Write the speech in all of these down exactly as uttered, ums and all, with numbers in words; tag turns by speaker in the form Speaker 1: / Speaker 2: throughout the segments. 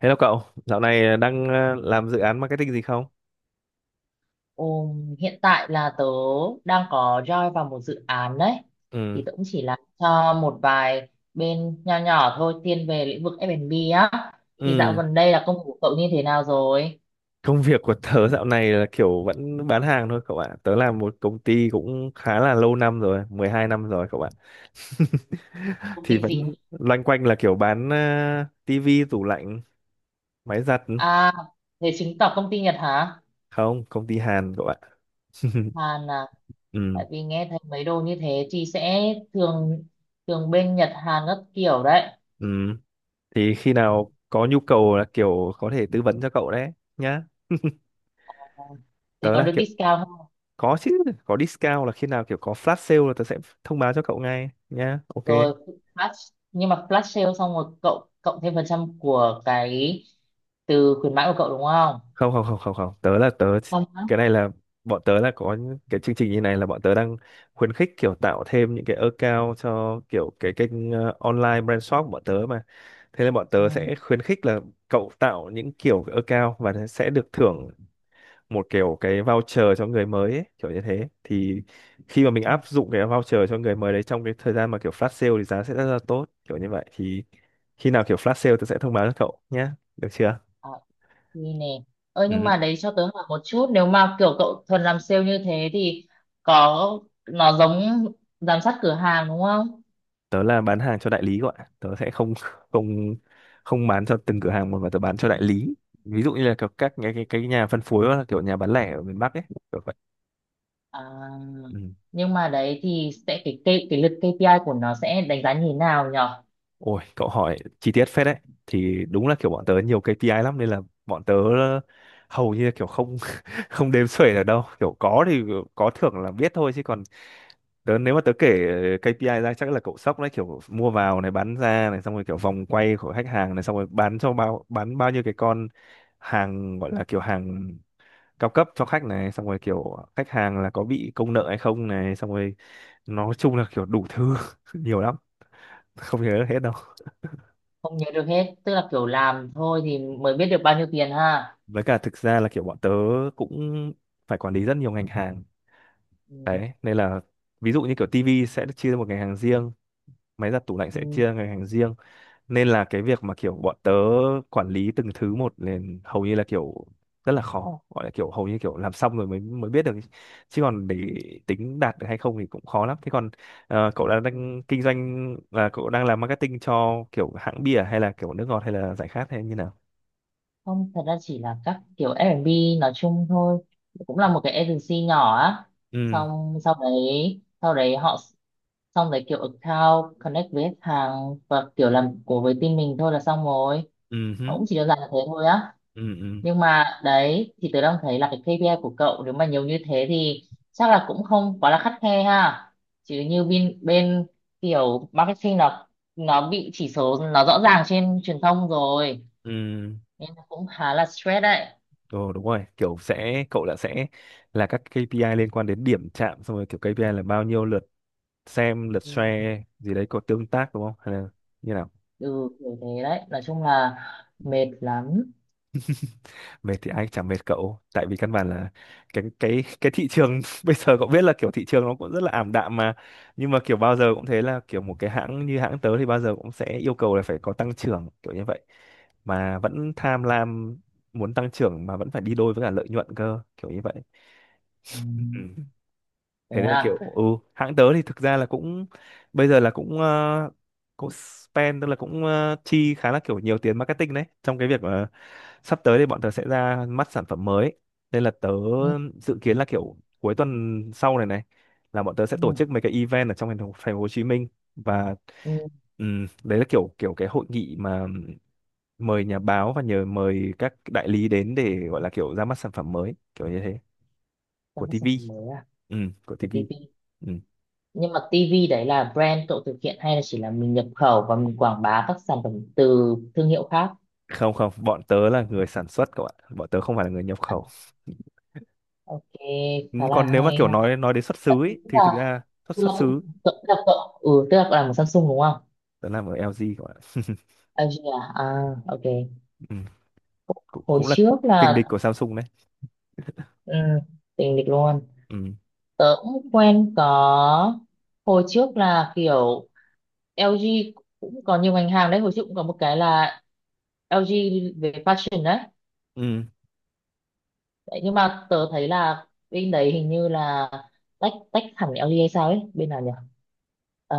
Speaker 1: Hello cậu, dạo này ờ, đang ờ, làm dự án marketing gì không?
Speaker 2: Ừm, hiện tại là tớ đang có join vào một dự án đấy.
Speaker 1: Ừ,
Speaker 2: Thì tớ cũng chỉ làm cho một vài bên nho nhỏ thôi, thiên về lĩnh vực F B á. Thì dạo
Speaker 1: ừ.
Speaker 2: gần đây là công việc của cậu như thế nào rồi?
Speaker 1: Công việc của tớ dạo này là kiểu vẫn bán hàng thôi cậu ạ. Tớ làm một công ty cũng khá là lâu năm rồi, mười hai năm rồi cậu ạ.
Speaker 2: Công
Speaker 1: Thì
Speaker 2: ty gì?
Speaker 1: vẫn loanh quanh là kiểu bán ờ, tivi, tủ lạnh, máy giặt.
Speaker 2: À, thế chứng tỏ công ty Nhật hả?
Speaker 1: Không, công ty Hàn cậu ạ.
Speaker 2: Hàn à?
Speaker 1: Ừ,
Speaker 2: Tại vì nghe thấy mấy đồ như thế thì sẽ thường thường bên Nhật Hàn các kiểu đấy.
Speaker 1: ừ. Thì khi nào có nhu cầu là kiểu có thể tư vấn cho cậu đấy nhá.
Speaker 2: Thì
Speaker 1: Tớ
Speaker 2: có
Speaker 1: là
Speaker 2: được
Speaker 1: kiểu.
Speaker 2: discount không?
Speaker 1: Có chứ, có discount là khi nào kiểu có flash sale là tớ sẽ thông báo cho cậu ngay nhá. Ok.
Speaker 2: Rồi, flash nhưng mà flash sale xong rồi cậu cộng thêm phần trăm của cái từ khuyến mãi của cậu đúng không?
Speaker 1: Không, không, không, không, không, tớ là tớ.
Speaker 2: Không á?
Speaker 1: Cái này là bọn tớ là có những cái chương trình như này là bọn tớ đang khuyến khích kiểu tạo thêm những cái account cho kiểu cái kênh ờ, online brand shop của bọn tớ, mà thế nên bọn
Speaker 2: Ừ.
Speaker 1: tớ sẽ khuyến khích là cậu tạo những kiểu account và sẽ được thưởng một kiểu cái voucher cho người mới ấy, kiểu như thế. Thì khi mà mình
Speaker 2: Ừ.
Speaker 1: áp dụng cái voucher cho người mới đấy trong cái thời gian mà kiểu flash sale thì giá sẽ rất là tốt kiểu như vậy, thì khi nào kiểu flash sale tớ sẽ thông báo cho cậu nhé. Được chưa?
Speaker 2: À, thì nè ơi, nhưng
Speaker 1: Ừ.
Speaker 2: mà đấy, cho tớ hỏi một chút, nếu mà kiểu cậu thuần làm sale như thế thì có, nó giống giám sát cửa hàng đúng không?
Speaker 1: Tớ là bán hàng cho đại lý gọi. Tớ sẽ không không không bán cho từng cửa hàng một, mà tớ bán cho đại lý, ví dụ như là kiểu các cái cái, cái nhà phân phối hoặc là kiểu nhà bán lẻ ở miền Bắc ấy, kiểu vậy.
Speaker 2: À,
Speaker 1: Ừ.
Speaker 2: nhưng mà đấy thì sẽ cái cái, cái lượt ca pê i của nó sẽ đánh giá như thế nào nhở?
Speaker 1: Ôi, cậu hỏi chi tiết phết đấy. Thì đúng là kiểu bọn tớ nhiều ca pê i lắm, nên là bọn tớ ờ, hầu như là kiểu không không đếm xuể được đâu. Kiểu có thì có thưởng là biết thôi, chứ còn tớ nếu mà tớ kể ca pê i ra chắc là cậu sốc đấy, kiểu mua vào này, bán ra này, xong rồi kiểu vòng quay của khách hàng này, xong rồi bán cho bao bán bao nhiêu cái con hàng gọi là kiểu hàng cao cấp cho khách này, xong rồi kiểu khách hàng là có bị công nợ hay không này, xong rồi nói chung là kiểu đủ thứ, nhiều lắm, không nhớ được hết.
Speaker 2: Không nhớ được hết, tức là kiểu làm thôi thì mới biết được bao nhiêu tiền ha.
Speaker 1: Với cả thực ra là kiểu bọn tớ cũng phải quản lý rất nhiều ngành hàng
Speaker 2: Ừ.
Speaker 1: đấy, nên là ví dụ như kiểu tivi sẽ được chia ra một ngành hàng riêng, máy giặt tủ lạnh sẽ
Speaker 2: Ừ.
Speaker 1: chia ra ngành hàng riêng, nên là cái việc mà kiểu bọn tớ quản lý từng thứ một nên hầu như là kiểu rất là khó, gọi là kiểu hầu như kiểu làm xong rồi mới mới biết được ý. Chứ còn để tính đạt được hay không thì cũng khó lắm. Thế còn ờ, cậu đang,
Speaker 2: Ừ.
Speaker 1: đang kinh doanh là cậu đang làm marketing cho kiểu hãng bia hay là kiểu nước ngọt hay là giải khát hay như nào?
Speaker 2: Không, thật ra chỉ là các kiểu F B nói chung thôi, cũng là một cái agency nhỏ á.
Speaker 1: Ừ
Speaker 2: Xong sau đấy sau đấy họ, xong đấy kiểu account connect với khách hàng và kiểu làm của với team mình thôi là xong rồi.
Speaker 1: ừ hứ,
Speaker 2: Nó cũng chỉ đơn giản là thế thôi á.
Speaker 1: ừ ừ
Speaker 2: Nhưng mà đấy thì tớ đang thấy là cái ca pê i của cậu nếu mà nhiều như thế thì chắc là cũng không quá là khắt khe ha. Chứ như bên bên kiểu marketing nó nó bị chỉ số nó rõ ràng trên truyền thông rồi.
Speaker 1: ừ.
Speaker 2: Em cũng khá là stress đấy.
Speaker 1: Ờ Đúng rồi, kiểu sẽ cậu đã sẽ là các ca pê i liên quan đến điểm chạm, xong rồi kiểu ca pê i là bao nhiêu lượt xem, lượt
Speaker 2: Ừ,
Speaker 1: share gì đấy có tương tác đúng không? Hay là như nào?
Speaker 2: ừ, kiểu thế đấy. Nói chung là mệt lắm.
Speaker 1: Mệt thì ai chẳng mệt cậu, tại vì căn bản là cái cái cái thị trường bây giờ cậu biết là kiểu thị trường nó cũng rất là ảm đạm mà. Nhưng mà kiểu bao giờ cũng thế là kiểu một cái hãng như hãng tớ thì bao giờ cũng sẽ yêu cầu là phải có tăng trưởng kiểu như vậy, mà vẫn tham lam muốn tăng trưởng mà vẫn phải đi đôi với cả lợi nhuận cơ, kiểu như vậy.
Speaker 2: Ừ,
Speaker 1: Ừ.
Speaker 2: thế
Speaker 1: Thế nên là kiểu
Speaker 2: à.
Speaker 1: ừ hãng tớ thì thực ra là cũng bây giờ là cũng ờ, cũng spend, tức là cũng ờ, chi khá là kiểu nhiều tiền marketing đấy, trong cái việc ờ, sắp tới thì bọn tớ sẽ ra mắt sản phẩm mới, nên là tớ
Speaker 2: Ừ,
Speaker 1: dự kiến là kiểu cuối tuần sau này này là bọn tớ sẽ tổ
Speaker 2: ừ,
Speaker 1: chức mấy cái event ở trong thành phố, thành phố Hồ Chí Minh. Và
Speaker 2: ừ.
Speaker 1: ừm, đấy là kiểu kiểu cái hội nghị mà mời nhà báo và nhờ mời các đại lý đến để gọi là kiểu ra mắt sản phẩm mới kiểu như thế, của
Speaker 2: Tấm sản
Speaker 1: ti vi.
Speaker 2: phẩm mới à?
Speaker 1: Ừ, của
Speaker 2: Của
Speaker 1: ti vi.
Speaker 2: ti vi. Nhưng mà ti vi đấy là brand cậu thực hiện hay là chỉ là mình nhập khẩu và mình quảng bá các sản phẩm từ thương hiệu khác?
Speaker 1: Không, không, bọn tớ là người sản xuất các bạn, bọn tớ không phải là người nhập
Speaker 2: À,
Speaker 1: khẩu.
Speaker 2: ok,
Speaker 1: Ừ,
Speaker 2: khá là
Speaker 1: còn nếu mà
Speaker 2: hay
Speaker 1: kiểu nói
Speaker 2: ha.
Speaker 1: nói đến xuất xứ
Speaker 2: Tức
Speaker 1: ý, thì thực
Speaker 2: là,
Speaker 1: ra xuất
Speaker 2: tức
Speaker 1: xuất
Speaker 2: là, cậu-
Speaker 1: xứ
Speaker 2: cậu- tức là, cậu- ừ, Tức là cậu làm một Samsung đúng không?
Speaker 1: tớ làm ở lờ giê các bạn.
Speaker 2: el gi à? À, ok.
Speaker 1: Ừ. cũng
Speaker 2: Hồi
Speaker 1: cũng là
Speaker 2: trước
Speaker 1: kình
Speaker 2: là
Speaker 1: địch của Samsung đấy.
Speaker 2: ừ, tình địch luôn.
Speaker 1: Ừ.
Speaker 2: Tớ cũng quen có, hồi trước là kiểu lờ giê cũng có nhiều ngành hàng đấy. Hồi trước cũng có một cái là el gi về fashion đấy.
Speaker 1: Ừ.
Speaker 2: Đấy, nhưng mà tớ thấy là bên đấy hình như là tách tách hẳn el gi hay sao ấy, bên nào nhỉ. Ờ,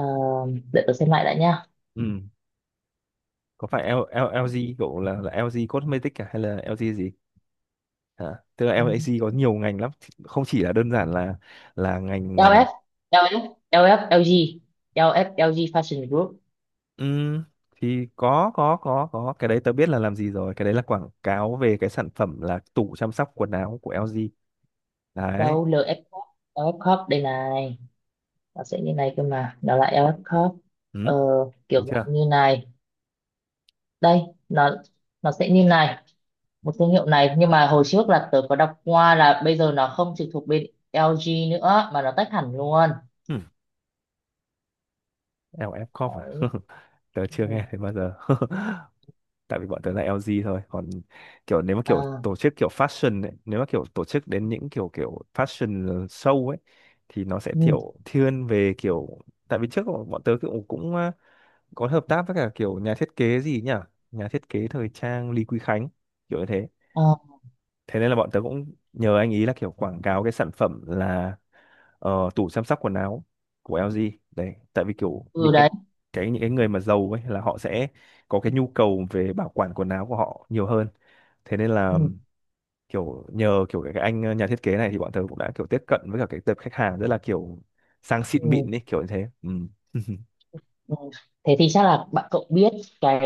Speaker 2: để tớ xem lại đã nha.
Speaker 1: Ừ. Có phải L, L, lờ giê cậu là là lờ giê Cosmetics à? Hay là lờ giê gì? À, tức là lờ giê có nhiều ngành lắm, không chỉ là đơn giản là là ngành ờ,
Speaker 2: LF LF LF LG el ép el gi fashion group.
Speaker 1: ừ, thì có có có có cái đấy tớ biết là làm gì rồi, cái đấy là quảng cáo về cái sản phẩm là tủ chăm sóc quần áo của lờ giê đấy.
Speaker 2: đâu el ép corp, el ép Corp đây này, nó sẽ như này, cơ mà nó là el ép Corp.
Speaker 1: Ừ,
Speaker 2: Ờ,
Speaker 1: đúng
Speaker 2: kiểu
Speaker 1: chưa?
Speaker 2: dạng như này đây. nó nó sẽ như này, một thương hiệu này, nhưng mà hồi trước là tớ có đọc qua là bây giờ nó không trực thuộc bên el gi nữa mà nó tách hẳn luôn.
Speaker 1: Ừ. lờ ép Corp à?
Speaker 2: Đấy.
Speaker 1: Tớ chưa
Speaker 2: Ừ.
Speaker 1: nghe thấy bao giờ. Tại vì bọn tớ là lờ giê thôi. Còn kiểu nếu mà kiểu
Speaker 2: À,
Speaker 1: tổ chức kiểu fashion ấy, nếu mà kiểu tổ chức đến những kiểu kiểu fashion show ấy thì nó sẽ
Speaker 2: ừ.
Speaker 1: kiểu thiên về kiểu, tại vì trước bọn bọn tớ cũng cũng ờ, có hợp tác với cả kiểu nhà thiết kế gì nhỉ? Nhà thiết kế thời trang Lý Quý Khánh kiểu như thế.
Speaker 2: À,
Speaker 1: Thế nên là bọn tớ cũng nhờ anh ý là kiểu quảng cáo cái sản phẩm là ờ, tủ chăm sóc quần áo của lờ giê đấy, tại vì kiểu
Speaker 2: ừ
Speaker 1: những cái
Speaker 2: đấy.
Speaker 1: cái những cái người mà giàu ấy là họ sẽ có cái nhu cầu về bảo quản quần áo của họ nhiều hơn, thế nên là
Speaker 2: Ừ.
Speaker 1: kiểu nhờ kiểu cái anh ờ, nhà thiết kế này thì bọn tớ cũng đã kiểu tiếp cận với cả cái tập khách hàng rất là kiểu sang xịn
Speaker 2: Ừ.
Speaker 1: mịn đi kiểu như thế. Ừ.
Speaker 2: Ừ. Thế thì chắc là bạn cậu biết cái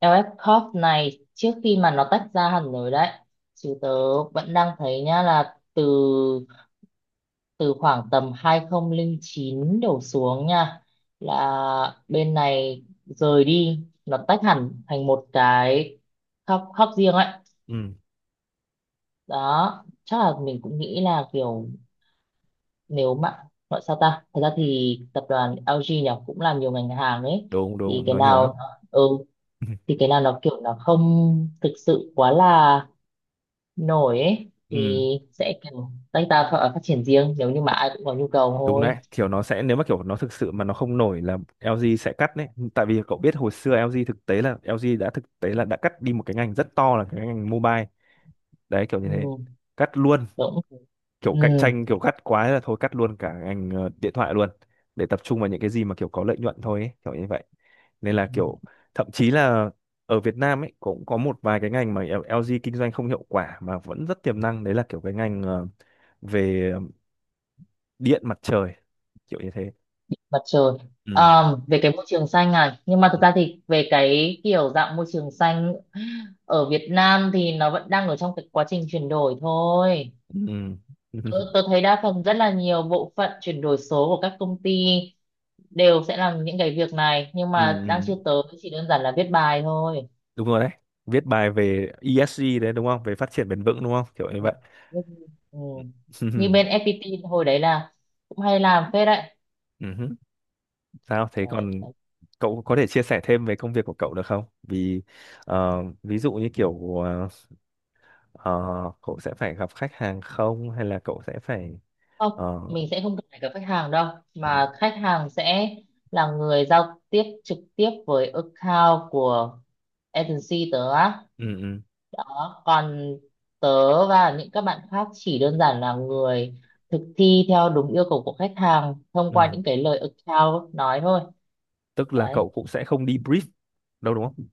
Speaker 2: el ép Corp này trước khi mà nó tách ra hẳn rồi đấy. Chứ tớ vẫn đang thấy nhá, là từ từ khoảng tầm hai không không chín đổ xuống nha, là bên này rời đi, nó tách hẳn thành một cái khớp khớp riêng ấy.
Speaker 1: Ừ.
Speaker 2: Đó, chắc là mình cũng nghĩ là kiểu, nếu mà gọi sao ta, thật ra thì tập đoàn el gi nhỉ, cũng làm nhiều ngành hàng ấy.
Speaker 1: Đúng
Speaker 2: Thì
Speaker 1: đúng,
Speaker 2: cái
Speaker 1: nó nhiều lắm.
Speaker 2: nào, ừ, thì cái nào nó kiểu nó không thực sự quá là nổi ấy thì
Speaker 1: Ừ,
Speaker 2: sẽ kiểu tách ra và phát triển riêng, nếu như mà ai cũng có nhu cầu
Speaker 1: đúng
Speaker 2: thôi.
Speaker 1: đấy, kiểu nó sẽ nếu mà kiểu nó thực sự mà nó không nổi là lờ giê sẽ cắt đấy. Tại vì cậu biết hồi xưa lờ giê thực tế là lờ giê đã thực tế là đã cắt đi một cái ngành rất to, là cái ngành mobile đấy, kiểu như thế.
Speaker 2: Ừ,
Speaker 1: Cắt luôn,
Speaker 2: đúng.
Speaker 1: kiểu cạnh
Speaker 2: Ừ,
Speaker 1: tranh kiểu cắt quá là thôi cắt luôn cả ngành ờ, điện thoại luôn, để tập trung vào những cái gì mà kiểu có lợi nhuận thôi ấy, kiểu như vậy. Nên là kiểu thậm chí là ở Việt Nam ấy cũng có một vài cái ngành mà lờ giê kinh doanh không hiệu quả mà vẫn rất tiềm năng đấy, là kiểu cái ngành ờ, về điện mặt trời kiểu như thế.
Speaker 2: mặt trời.
Speaker 1: Ừ
Speaker 2: Ờ, về cái môi trường xanh này, nhưng mà thực ra thì về cái kiểu dạng môi trường xanh ở Việt Nam thì nó vẫn đang ở trong cái quá trình chuyển đổi thôi.
Speaker 1: ừ. Ừ.
Speaker 2: Tôi, tôi thấy đa phần rất là nhiều bộ phận chuyển đổi số của các công ty đều sẽ làm những cái việc này nhưng
Speaker 1: Ừ.
Speaker 2: mà đang
Speaker 1: Ừ.
Speaker 2: chưa tới, chỉ đơn giản là viết bài thôi.
Speaker 1: Đúng rồi đấy. Viết bài về e ét giê đấy đúng không? Về phát triển bền vững đúng không? Kiểu như
Speaker 2: Ừ.
Speaker 1: vậy.
Speaker 2: Nhưng- ừ.
Speaker 1: Ừ.
Speaker 2: Như bên ép pê tê hồi đấy là cũng hay làm phết đấy.
Speaker 1: Ừ. Sao thế,
Speaker 2: Đấy,
Speaker 1: còn
Speaker 2: đấy.
Speaker 1: cậu có thể chia sẻ thêm về công việc của cậu được không? Vì ờ, ví dụ như kiểu ờ, ờ, cậu sẽ phải gặp khách hàng không hay là cậu sẽ phải
Speaker 2: Không,
Speaker 1: ờ,
Speaker 2: mình sẽ không cần phải gặp khách hàng đâu,
Speaker 1: ừ,
Speaker 2: mà khách hàng sẽ là người giao tiếp trực tiếp với account của agency tớ á.
Speaker 1: ừ, ừ,
Speaker 2: Đó, còn tớ và những các bạn khác chỉ đơn giản là người thực thi theo đúng yêu cầu của khách hàng thông qua
Speaker 1: ừ.
Speaker 2: những cái lời account nói thôi.
Speaker 1: Tức là
Speaker 2: Đấy,
Speaker 1: cậu cũng sẽ không đi brief đâu đúng không?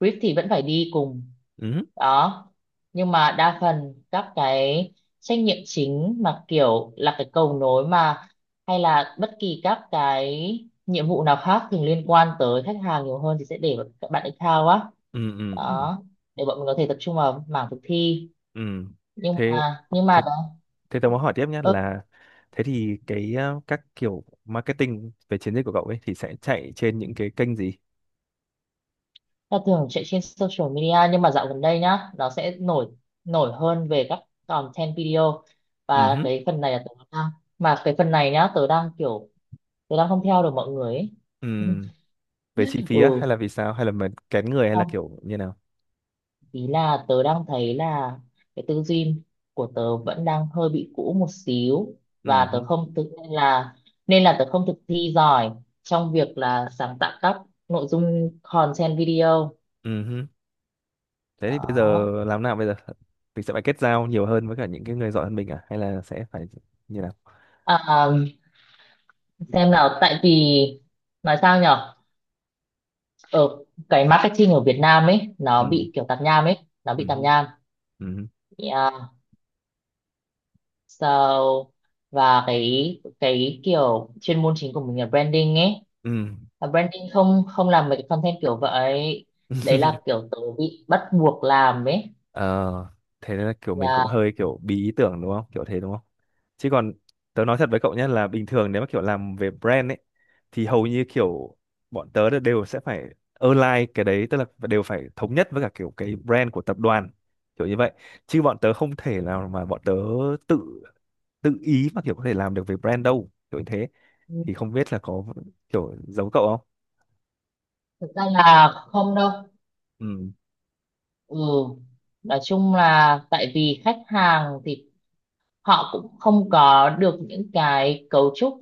Speaker 2: brief thì vẫn phải đi cùng.
Speaker 1: Ừ,
Speaker 2: Đó, nhưng mà đa phần các cái trách nhiệm chính mà kiểu là cái cầu nối mà, hay là bất kỳ các cái nhiệm vụ nào khác thường liên quan tới khách hàng nhiều hơn thì sẽ để vào các bạn account á.
Speaker 1: ừ, ừ, ừ.
Speaker 2: Đó, để bọn mình có thể tập trung vào mảng thực thi.
Speaker 1: Ừ.
Speaker 2: Nhưng
Speaker 1: Thế
Speaker 2: mà nhưng mà
Speaker 1: thế
Speaker 2: đó.
Speaker 1: Thế tớ muốn hỏi tiếp nhé,
Speaker 2: Ơ,
Speaker 1: là thế thì cái ờ, các kiểu marketing về chiến dịch của cậu ấy thì sẽ chạy trên những cái kênh gì?
Speaker 2: ta thường chạy trên social media, nhưng mà dạo gần đây nhá nó sẽ nổi nổi hơn về các content video.
Speaker 1: Ừ
Speaker 2: Và
Speaker 1: hứ,
Speaker 2: cái phần này là tớ đang, mà cái phần này nhá, tớ đang kiểu tớ đang không theo được mọi người ấy.
Speaker 1: ừ. Về chi phí á
Speaker 2: ừ,
Speaker 1: hay là vì sao hay là mình kén người hay là
Speaker 2: không,
Speaker 1: kiểu như nào?
Speaker 2: ý là tớ đang thấy là cái tư duy của tớ vẫn đang hơi bị cũ một xíu,
Speaker 1: Ừ
Speaker 2: và tớ
Speaker 1: hứ,
Speaker 2: không tự nên là, nên là tớ không thực thi giỏi trong việc là sáng tạo các nội dung content video.
Speaker 1: ừ hứ. Thế thì bây giờ
Speaker 2: Đó.
Speaker 1: làm nào bây giờ? Mình sẽ phải kết giao nhiều hơn với cả những cái người giỏi hơn mình à hay là sẽ phải như nào?
Speaker 2: À, xem nào, tại vì nói sao nhở, ở cái marketing ở Việt Nam ấy nó
Speaker 1: Ừ.
Speaker 2: bị kiểu tạp nham ấy, nó
Speaker 1: Ừ
Speaker 2: bị tạp
Speaker 1: hứ,
Speaker 2: nham.
Speaker 1: ừ hứ,
Speaker 2: Yeah. So, và cái cái kiểu chuyên môn chính của mình là branding ấy,
Speaker 1: ừ.
Speaker 2: và branding không không làm mấy cái content kiểu vậy, đấy là kiểu tớ bị bắt buộc làm ấy.
Speaker 1: Ờ, thế nên là kiểu mình cũng
Speaker 2: Yeah.
Speaker 1: hơi kiểu bí ý tưởng đúng không? Kiểu thế đúng không? Chứ còn tớ nói thật với cậu nhé, là bình thường nếu mà kiểu làm về brand ấy thì hầu như kiểu bọn tớ đều sẽ phải align cái đấy, tức là đều phải thống nhất với cả kiểu cái brand của tập đoàn kiểu như vậy. Chứ bọn tớ không thể nào mà bọn tớ tự tự ý mà kiểu có thể làm được về brand đâu. Kiểu như thế thì không biết là có kiểu giống cậu không?
Speaker 2: Thực ra là không đâu.
Speaker 1: Ừ.
Speaker 2: Ừ, nói chung là tại vì khách hàng thì họ cũng không có được những cái cấu trúc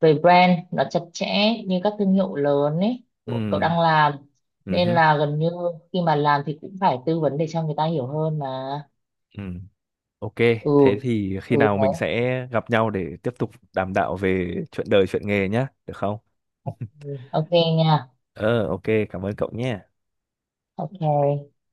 Speaker 2: về brand nó chặt chẽ như các thương hiệu lớn ấy của cậu
Speaker 1: Ừ.
Speaker 2: đang làm. Nên
Speaker 1: Ừ.
Speaker 2: là gần như khi mà làm thì cũng phải tư vấn để cho người ta hiểu hơn mà.
Speaker 1: Ừ. Ok,
Speaker 2: Ừ.
Speaker 1: thế thì khi
Speaker 2: Ừ
Speaker 1: nào mình
Speaker 2: đấy.
Speaker 1: sẽ gặp nhau để tiếp tục đàm đạo về chuyện đời, chuyện nghề nhá, được không?
Speaker 2: Ừ. Ok. Nha.
Speaker 1: Ờ, ok, cảm ơn cậu nhé.
Speaker 2: Ok.